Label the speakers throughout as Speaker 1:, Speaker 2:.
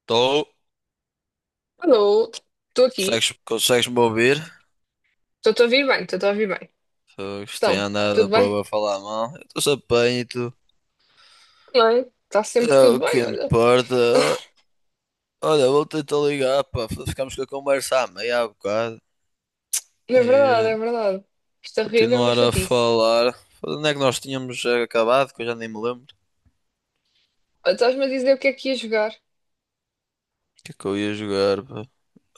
Speaker 1: Estou.
Speaker 2: Alô, estou aqui,
Speaker 1: Consegues-me ouvir?
Speaker 2: estou-te a ouvir bem, estou-te a ouvir bem.
Speaker 1: Fogo, isto tem
Speaker 2: Então, tudo
Speaker 1: andado
Speaker 2: bem?
Speaker 1: para falar mal. Eu estou-se bem e tu?
Speaker 2: Bem, está sempre
Speaker 1: É
Speaker 2: tudo
Speaker 1: o que
Speaker 2: bem, olha.
Speaker 1: importa. Ó, olha, vou tentar ligar, pá. Ficamos com a conversa à meia há bocado.
Speaker 2: É
Speaker 1: E
Speaker 2: verdade, é verdade. Esta rede é uma
Speaker 1: continuar a
Speaker 2: chatice.
Speaker 1: falar. Foda, onde é que nós tínhamos acabado? Que eu já nem me lembro.
Speaker 2: Olha, estás-me a dizer o que é que ia jogar?
Speaker 1: O que é que eu ia jogar, pá?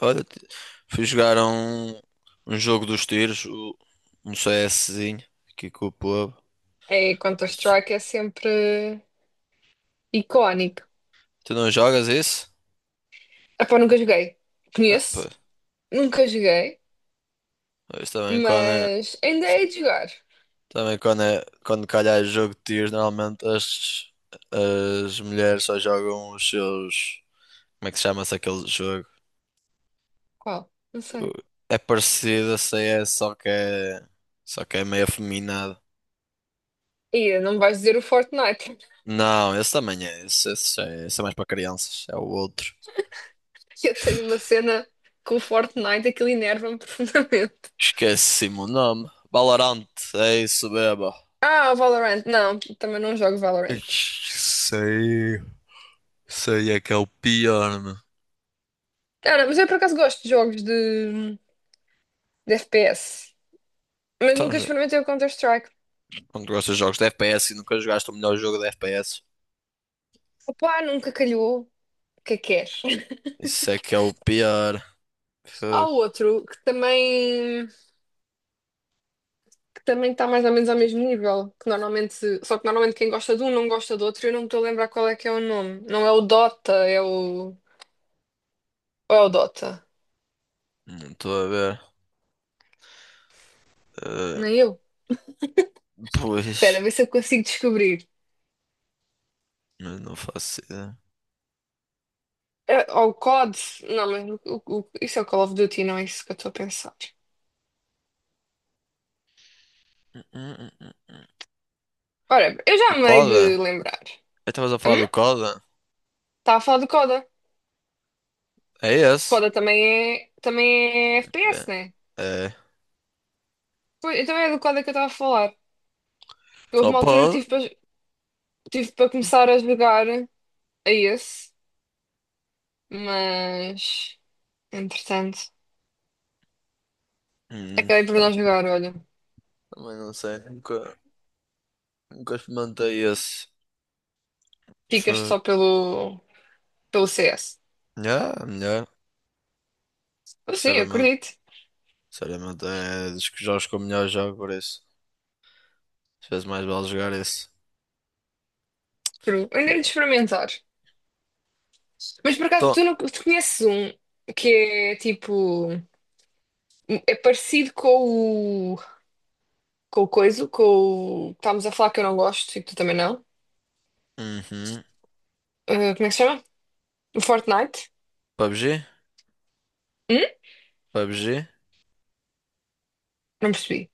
Speaker 1: Olha, fui jogar um jogo dos tiros, um CSzinho, aqui com o povo.
Speaker 2: É, Counter-Strike é sempre icónico.
Speaker 1: Tu não jogas isso?
Speaker 2: Ah pá, nunca joguei.
Speaker 1: Ah, pô,
Speaker 2: Conheço, nunca joguei,
Speaker 1: isto também quando é.
Speaker 2: mas ainda é de jogar.
Speaker 1: Também quando calhar é jogo de tiros, normalmente as mulheres só jogam os seus. Como é que chama-se aquele jogo?
Speaker 2: Qual? Não
Speaker 1: O-
Speaker 2: sei.
Speaker 1: É parecido a CS, só que é meio afeminado.
Speaker 2: E não me vais dizer o Fortnite.
Speaker 1: Não, esse também é. Esse é mais para crianças. É o outro.
Speaker 2: Eu tenho uma cena com o Fortnite, aquilo enerva-me profundamente.
Speaker 1: Esqueci-me o nome. Valorant, é isso, beba.
Speaker 2: Ah, o Valorant. Não, também não jogo Valorant.
Speaker 1: Ixi, sei aí, é que é o pior, meu.
Speaker 2: Cara, mas eu por acaso gosto de jogos de FPS, mas
Speaker 1: Então,
Speaker 2: nunca experimentei o Counter-Strike.
Speaker 1: quando gostas de jogos de FPS e nunca jogaste o melhor jogo de FPS?
Speaker 2: Opa, nunca calhou. O que é que queres?
Speaker 1: Isso é que é o pior.
Speaker 2: Há
Speaker 1: Fuck.
Speaker 2: outro que também está mais ou menos ao mesmo nível, que normalmente, só que normalmente quem gosta de um não gosta do outro, e eu não me estou a lembrar qual é que é o nome. Não é o Dota, é o ou é o Dota.
Speaker 1: Não estou a ver. Eh,
Speaker 2: Nem eu. Espera,
Speaker 1: Pois,
Speaker 2: vê se eu consigo descobrir.
Speaker 1: mas não faço ideia.
Speaker 2: É, ou o COD. Não, mas isso é o Call of Duty, não é isso que eu estou a pensar.
Speaker 1: Hum, hum.
Speaker 2: Ora, eu
Speaker 1: O
Speaker 2: já me hei de
Speaker 1: Coda?
Speaker 2: lembrar.
Speaker 1: Eu Estavas a
Speaker 2: Hum?
Speaker 1: falar do Coda?
Speaker 2: Está a falar do COD, é?
Speaker 1: É esse?
Speaker 2: Coda também é FPS, né?
Speaker 1: É. É.
Speaker 2: Pois, então é do Coda que eu estava a falar. Houve
Speaker 1: Só
Speaker 2: uma altura que
Speaker 1: pode?
Speaker 2: tive para tive para começar a jogar a esse, mas entretanto, acabei por
Speaker 1: Tá.
Speaker 2: não jogar, olha.
Speaker 1: Também não sei. Nunca experimentei esse.
Speaker 2: Ficas
Speaker 1: Fuck.
Speaker 2: só pelo CS.
Speaker 1: Yeah, melhor.
Speaker 2: Eu sei, eu
Speaker 1: Sinceramente.
Speaker 2: acredito.
Speaker 1: Sinceramente, é dos que jogos que eu melhor jogo por isso. Às vezes mais vale jogar esse.
Speaker 2: True. Eu ainda hei de
Speaker 1: Tira.
Speaker 2: experimentar. Mas por acaso,
Speaker 1: Então,
Speaker 2: tu, não, tu conheces um que é tipo. É parecido com o. Com o coiso, com o. Que estávamos a falar que eu não gosto e que tu também não.
Speaker 1: uhum.
Speaker 2: Como é que se chama? O Fortnite.
Speaker 1: PUBG?
Speaker 2: Hum?
Speaker 1: PUBG?
Speaker 2: Não percebi.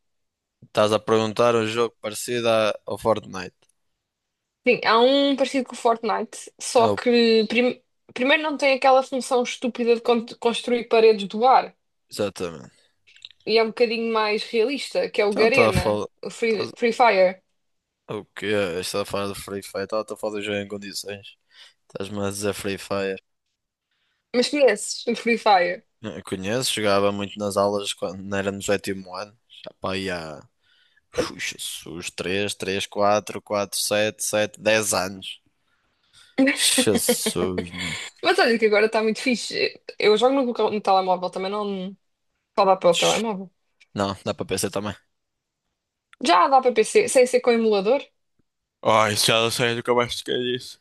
Speaker 1: Estás a perguntar um jogo parecido ao Fortnite.
Speaker 2: Sim, há um parecido com o Fortnite,
Speaker 1: É
Speaker 2: só
Speaker 1: o-
Speaker 2: que primeiro não tem aquela função estúpida de construir paredes do ar
Speaker 1: Exatamente.
Speaker 2: e é um bocadinho mais realista, que é o
Speaker 1: Então estás a
Speaker 2: Garena,
Speaker 1: falar.
Speaker 2: o
Speaker 1: Estás...
Speaker 2: Free Fire.
Speaker 1: O quê? Estás a falar do Free Fire? Estava a falar do jogo em condições. Estás-me a dizer Free Fire.
Speaker 2: Mas conheces o Free Fire?
Speaker 1: Não, conheço, jogava muito nas aulas quando não era no sétimo ano. Já pá, aí há. Ui, Jesus, 3, 3, 4, 4, 7, 7, 10 anos. Jesus, meu.
Speaker 2: Mas olha que agora está muito fixe. Eu jogo no telemóvel também, não só dá para o telemóvel.
Speaker 1: Não, dá para PC também.
Speaker 2: Já dá para PC, sem ser com emulador?
Speaker 1: Ai, já não sei, nunca mais toquei nisso.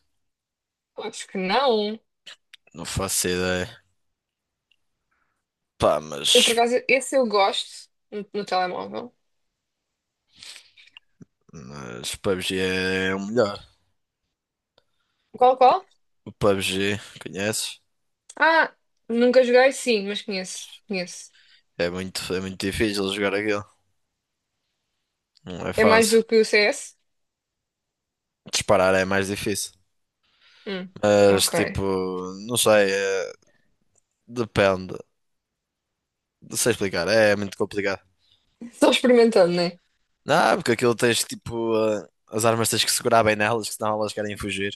Speaker 2: Acho que não.
Speaker 1: Não faço ideia. Pá,
Speaker 2: Eu, por
Speaker 1: mas
Speaker 2: acaso, esse eu gosto no telemóvel.
Speaker 1: Mas PUBG é o melhor.
Speaker 2: Qual?
Speaker 1: O PUBG, conheces?
Speaker 2: Ah, nunca joguei, sim, mas conheço.
Speaker 1: É muito difícil jogar aquilo. Não é
Speaker 2: É mais
Speaker 1: fácil.
Speaker 2: do que o CS?
Speaker 1: Disparar é mais difícil.
Speaker 2: Hum,
Speaker 1: Mas
Speaker 2: ok.
Speaker 1: tipo, não sei, depende. Não sei explicar, é muito complicado.
Speaker 2: Só experimentando, né?
Speaker 1: Não, porque aquilo tens tipo, as armas tens que segurar bem nelas, que senão elas querem fugir.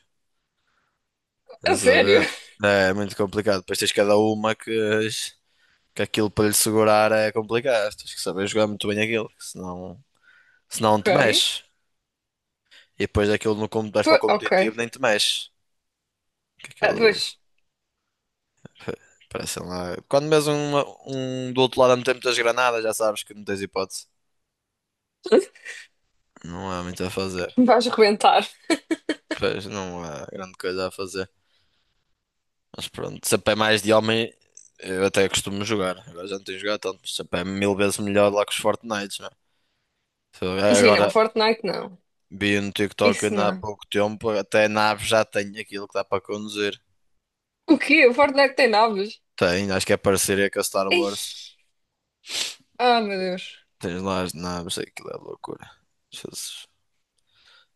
Speaker 2: A
Speaker 1: Estás a
Speaker 2: sério?
Speaker 1: ver? É muito complicado. Depois tens cada uma que aquilo para lhe segurar é complicado. Tens que saber jogar muito bem aquilo, que senão te
Speaker 2: Ok.
Speaker 1: mexes. E depois daquilo no como vais para o
Speaker 2: Po- ok.
Speaker 1: competitivo nem te mexes. Que
Speaker 2: Ah,
Speaker 1: aqueles
Speaker 2: pois,
Speaker 1: parecem lá. Quando mesmo um do outro lado a meter muitas granadas, já sabes que não tens hipótese. Não há muito a fazer.
Speaker 2: me vais rebentar.
Speaker 1: Pois não há grande coisa a fazer. Mas pronto, se a pé é mais de homem, eu até costumo jogar. Agora já não tenho jogado tanto, mas se a pé é mil vezes melhor lá que os Fortnites, não é? Se eu-
Speaker 2: Sim, não,
Speaker 1: Agora
Speaker 2: Fortnite não.
Speaker 1: vi no TikTok
Speaker 2: Isso
Speaker 1: ainda há
Speaker 2: não.
Speaker 1: pouco tempo, até a nave já tem aquilo que dá para conduzir.
Speaker 2: O quê? O Fortnite tem naves?
Speaker 1: Tem, acho que é parceria com a Star
Speaker 2: Ei.
Speaker 1: Wars.
Speaker 2: Ah, meu Deus.
Speaker 1: Tens lá as naves, aquilo é loucura. Jesus,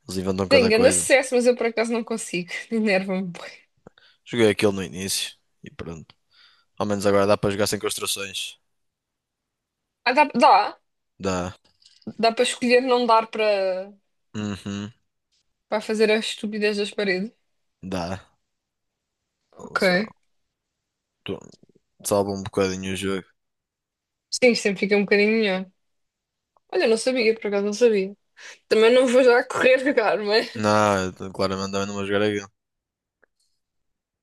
Speaker 1: eles inventam
Speaker 2: Tenho
Speaker 1: cada
Speaker 2: grande
Speaker 1: coisa.
Speaker 2: sucesso, mas eu por acaso não consigo. Enerva-me bué.
Speaker 1: Joguei aquilo no início e pronto. Ao menos agora dá para jogar sem construções.
Speaker 2: Ah, dá,
Speaker 1: Dá.
Speaker 2: dá para escolher não dar para
Speaker 1: Uhum,
Speaker 2: para fazer as estupidez das paredes.
Speaker 1: dá. Só-
Speaker 2: Ok.
Speaker 1: tu- Salva um bocadinho o jogo.
Speaker 2: Sim, sempre fica um bocadinho melhor. Olha, eu não sabia, por acaso não sabia. Também não vou já correr jogar,
Speaker 1: Não, eu claramente também não vou jogar aquilo.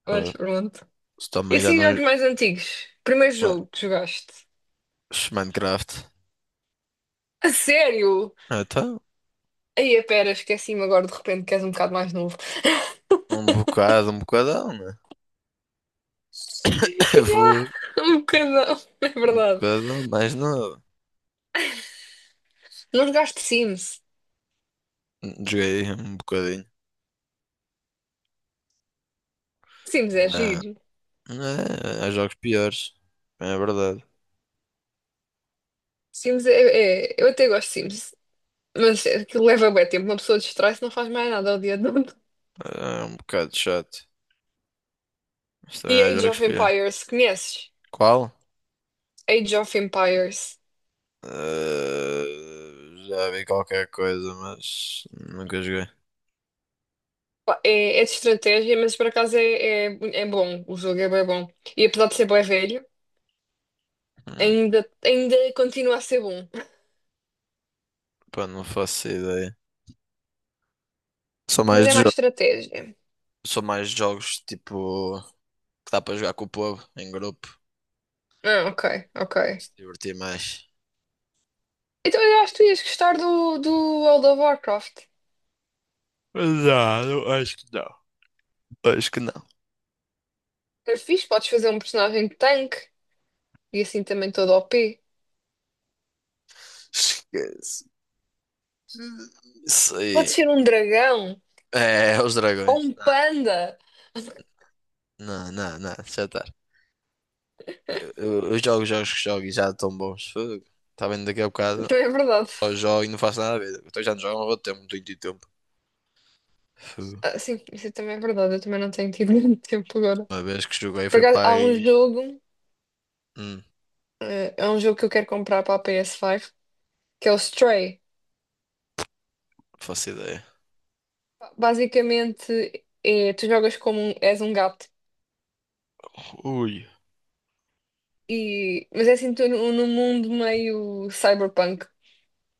Speaker 2: mas
Speaker 1: Ah,
Speaker 2: pronto.
Speaker 1: se
Speaker 2: E
Speaker 1: também já
Speaker 2: assim,
Speaker 1: não.
Speaker 2: jogos mais antigos. Primeiro
Speaker 1: Ué,
Speaker 2: jogo que jogaste.
Speaker 1: Minecraft.
Speaker 2: A sério?
Speaker 1: Ah, então,
Speaker 2: Aí, a pera, esqueci-me agora de repente que és um bocado mais novo.
Speaker 1: um bocado, um bocadão, né?
Speaker 2: Ya,
Speaker 1: Vou
Speaker 2: um bocadão, é
Speaker 1: um
Speaker 2: verdade.
Speaker 1: bocadão, mas não.
Speaker 2: Não jogaste Sims?
Speaker 1: Joguei um bocadinho.
Speaker 2: Sims é
Speaker 1: Ah,
Speaker 2: giro.
Speaker 1: é, há jogos piores. É verdade.
Speaker 2: Sims eu até gosto de Sims, mas aquilo leva bem tempo. Uma pessoa distrai-se não faz mais nada ao dia todo.
Speaker 1: É um bocado chato. Mas
Speaker 2: E
Speaker 1: também há
Speaker 2: Age
Speaker 1: jogos
Speaker 2: of
Speaker 1: pior.
Speaker 2: Empires, conheces?
Speaker 1: Qual?
Speaker 2: Age of Empires.
Speaker 1: Já vi qualquer coisa, mas nunca joguei.
Speaker 2: É, é de estratégia, mas por acaso é bom. O jogo é bem bom. E apesar de ser bem velho,
Speaker 1: Hum,
Speaker 2: ainda continua a ser bom.
Speaker 1: Pá, não faço ideia. Sou
Speaker 2: Mas
Speaker 1: mais
Speaker 2: é
Speaker 1: de
Speaker 2: mais
Speaker 1: jogos.
Speaker 2: estratégia.
Speaker 1: Sou mais de jogos tipo que dá para jogar com o povo em grupo.
Speaker 2: Ah, ok.
Speaker 1: Se divertir mais.
Speaker 2: Então eu acho que tu ias gostar do World of Warcraft.
Speaker 1: Mas não, não, acho que não. Acho que não.
Speaker 2: É fixe, podes fazer um personagem de tanque e assim também todo o p
Speaker 1: Esquece. Isso aí.
Speaker 2: Pode ser um dragão
Speaker 1: É os
Speaker 2: ou
Speaker 1: dragões.
Speaker 2: um
Speaker 1: Não,
Speaker 2: panda.
Speaker 1: não, não, não, já está. Eu jogo jogos que jogo e já estão bons. Fogo. Está bem daqui a bocado.
Speaker 2: Também é verdade.
Speaker 1: Só jogo e não faço nada a ver. Então já não jogo há muito tempo, não tenho tempo. Fogo.
Speaker 2: Ah, sim, isso também é verdade. Eu também não tenho tido muito tempo agora.
Speaker 1: Uma vez que joguei
Speaker 2: Por
Speaker 1: foi
Speaker 2: acaso,
Speaker 1: para
Speaker 2: há um
Speaker 1: aí.
Speaker 2: jogo.
Speaker 1: Não
Speaker 2: É um jogo que eu quero comprar para a PS5, que é o Stray.
Speaker 1: faço ideia.
Speaker 2: Basicamente, é, tu jogas como és um gato,
Speaker 1: Ui.
Speaker 2: e, mas é assim tu, num num mundo meio cyberpunk.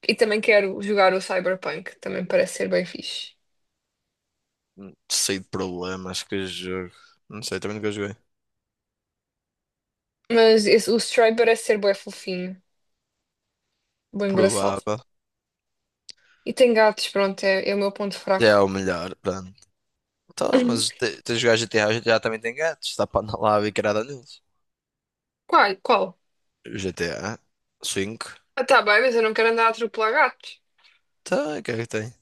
Speaker 2: E também quero jogar o cyberpunk, também parece ser bem fixe.
Speaker 1: Sei de problemas que jogo. Não sei, também nunca joguei.
Speaker 2: Mas o Stray parece ser bué fofinho, bem engraçado.
Speaker 1: Provável.
Speaker 2: E tem gatos, pronto, é o meu ponto
Speaker 1: Já é
Speaker 2: fraco.
Speaker 1: o melhor, pronto. Então, mas tens de jogar GTA, o GTA também tem gatos. Está para andar lá a bicarada neles.
Speaker 2: Qual? Qual?
Speaker 1: GTA cinco,
Speaker 2: Ah, tá bem, mas eu não quero andar a atropelar gatos.
Speaker 1: tá, o que é que tem?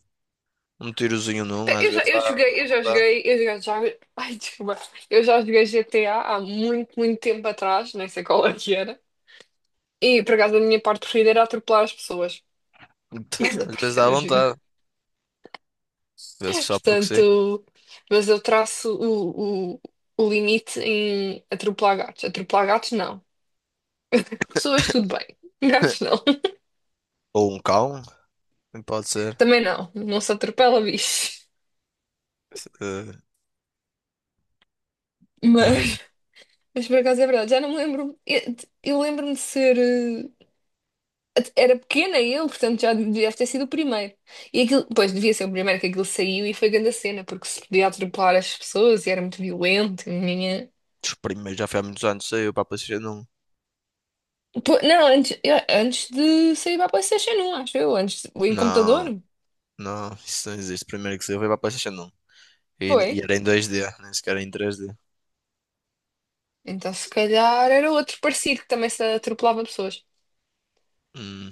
Speaker 1: Um tirozinho num,
Speaker 2: Pé,
Speaker 1: às
Speaker 2: Eu já,
Speaker 1: vezes dá
Speaker 2: eu
Speaker 1: à vontade.
Speaker 2: joguei, eu já, já, ai, desculpa, eu já joguei GTA há muito, muito tempo atrás, nem sei qual é que era. E por acaso a minha parte preferida era atropelar as pessoas.
Speaker 1: Então,
Speaker 2: Essa
Speaker 1: às vezes
Speaker 2: parte
Speaker 1: dá à
Speaker 2: era gira.
Speaker 1: vontade. Às vezes só porque sim.
Speaker 2: Portanto, mas eu traço o limite em atropelar gatos. Atropelar gatos, não. Pessoas, tudo bem. Gatos, não.
Speaker 1: Ou um cão, também pode ser.
Speaker 2: Também não. Não se atropela bicho.
Speaker 1: Eh, Ai,
Speaker 2: Mas, mas por acaso é verdade. Já não me lembro. Eu lembro-me de ser. Era pequena eu, portanto já deve ter sido o primeiro. E aquilo, pois, devia ser o primeiro que aquilo saiu e foi grande a cena, porque se podia atropelar as pessoas e era muito violento.
Speaker 1: os primeiros já foi há muitos anos, saiu para a PlayStation 1.
Speaker 2: Não, antes, antes de sair para a PlayStation 1, acho eu, em
Speaker 1: Não,
Speaker 2: computador.
Speaker 1: não, isso não existe. O primeiro que saiu foi para a PlayStation 1. E,
Speaker 2: Foi.
Speaker 1: e era em 2D, nem sequer era em 3D.
Speaker 2: Então, se calhar era outro parecido que também se atropelava pessoas.
Speaker 1: Hum,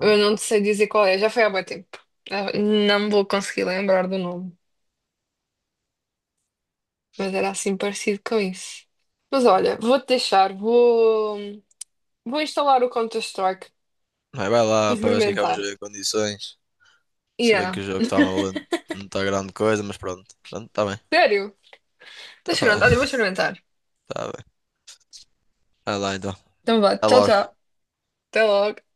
Speaker 2: Eu não sei dizer qual é, já foi há muito tempo. Ah, não me vou conseguir lembrar do nome, mas era assim parecido com isso. Mas olha, vou instalar o Counter-Strike
Speaker 1: Mas vai
Speaker 2: para
Speaker 1: lá para ver se que é que vamos
Speaker 2: experimentar.
Speaker 1: ver em condições. Se bem que
Speaker 2: Yeah,
Speaker 1: o jogo está valendo, não está grande coisa, mas pronto. Pronto, está bem.
Speaker 2: sério? Deixa eu
Speaker 1: Está, tá, fa-
Speaker 2: experimentar, olha, vou experimentar.
Speaker 1: Tá bem. Vai lá então.
Speaker 2: Então vá,
Speaker 1: Até
Speaker 2: tchau,
Speaker 1: logo.
Speaker 2: tchau. Até logo.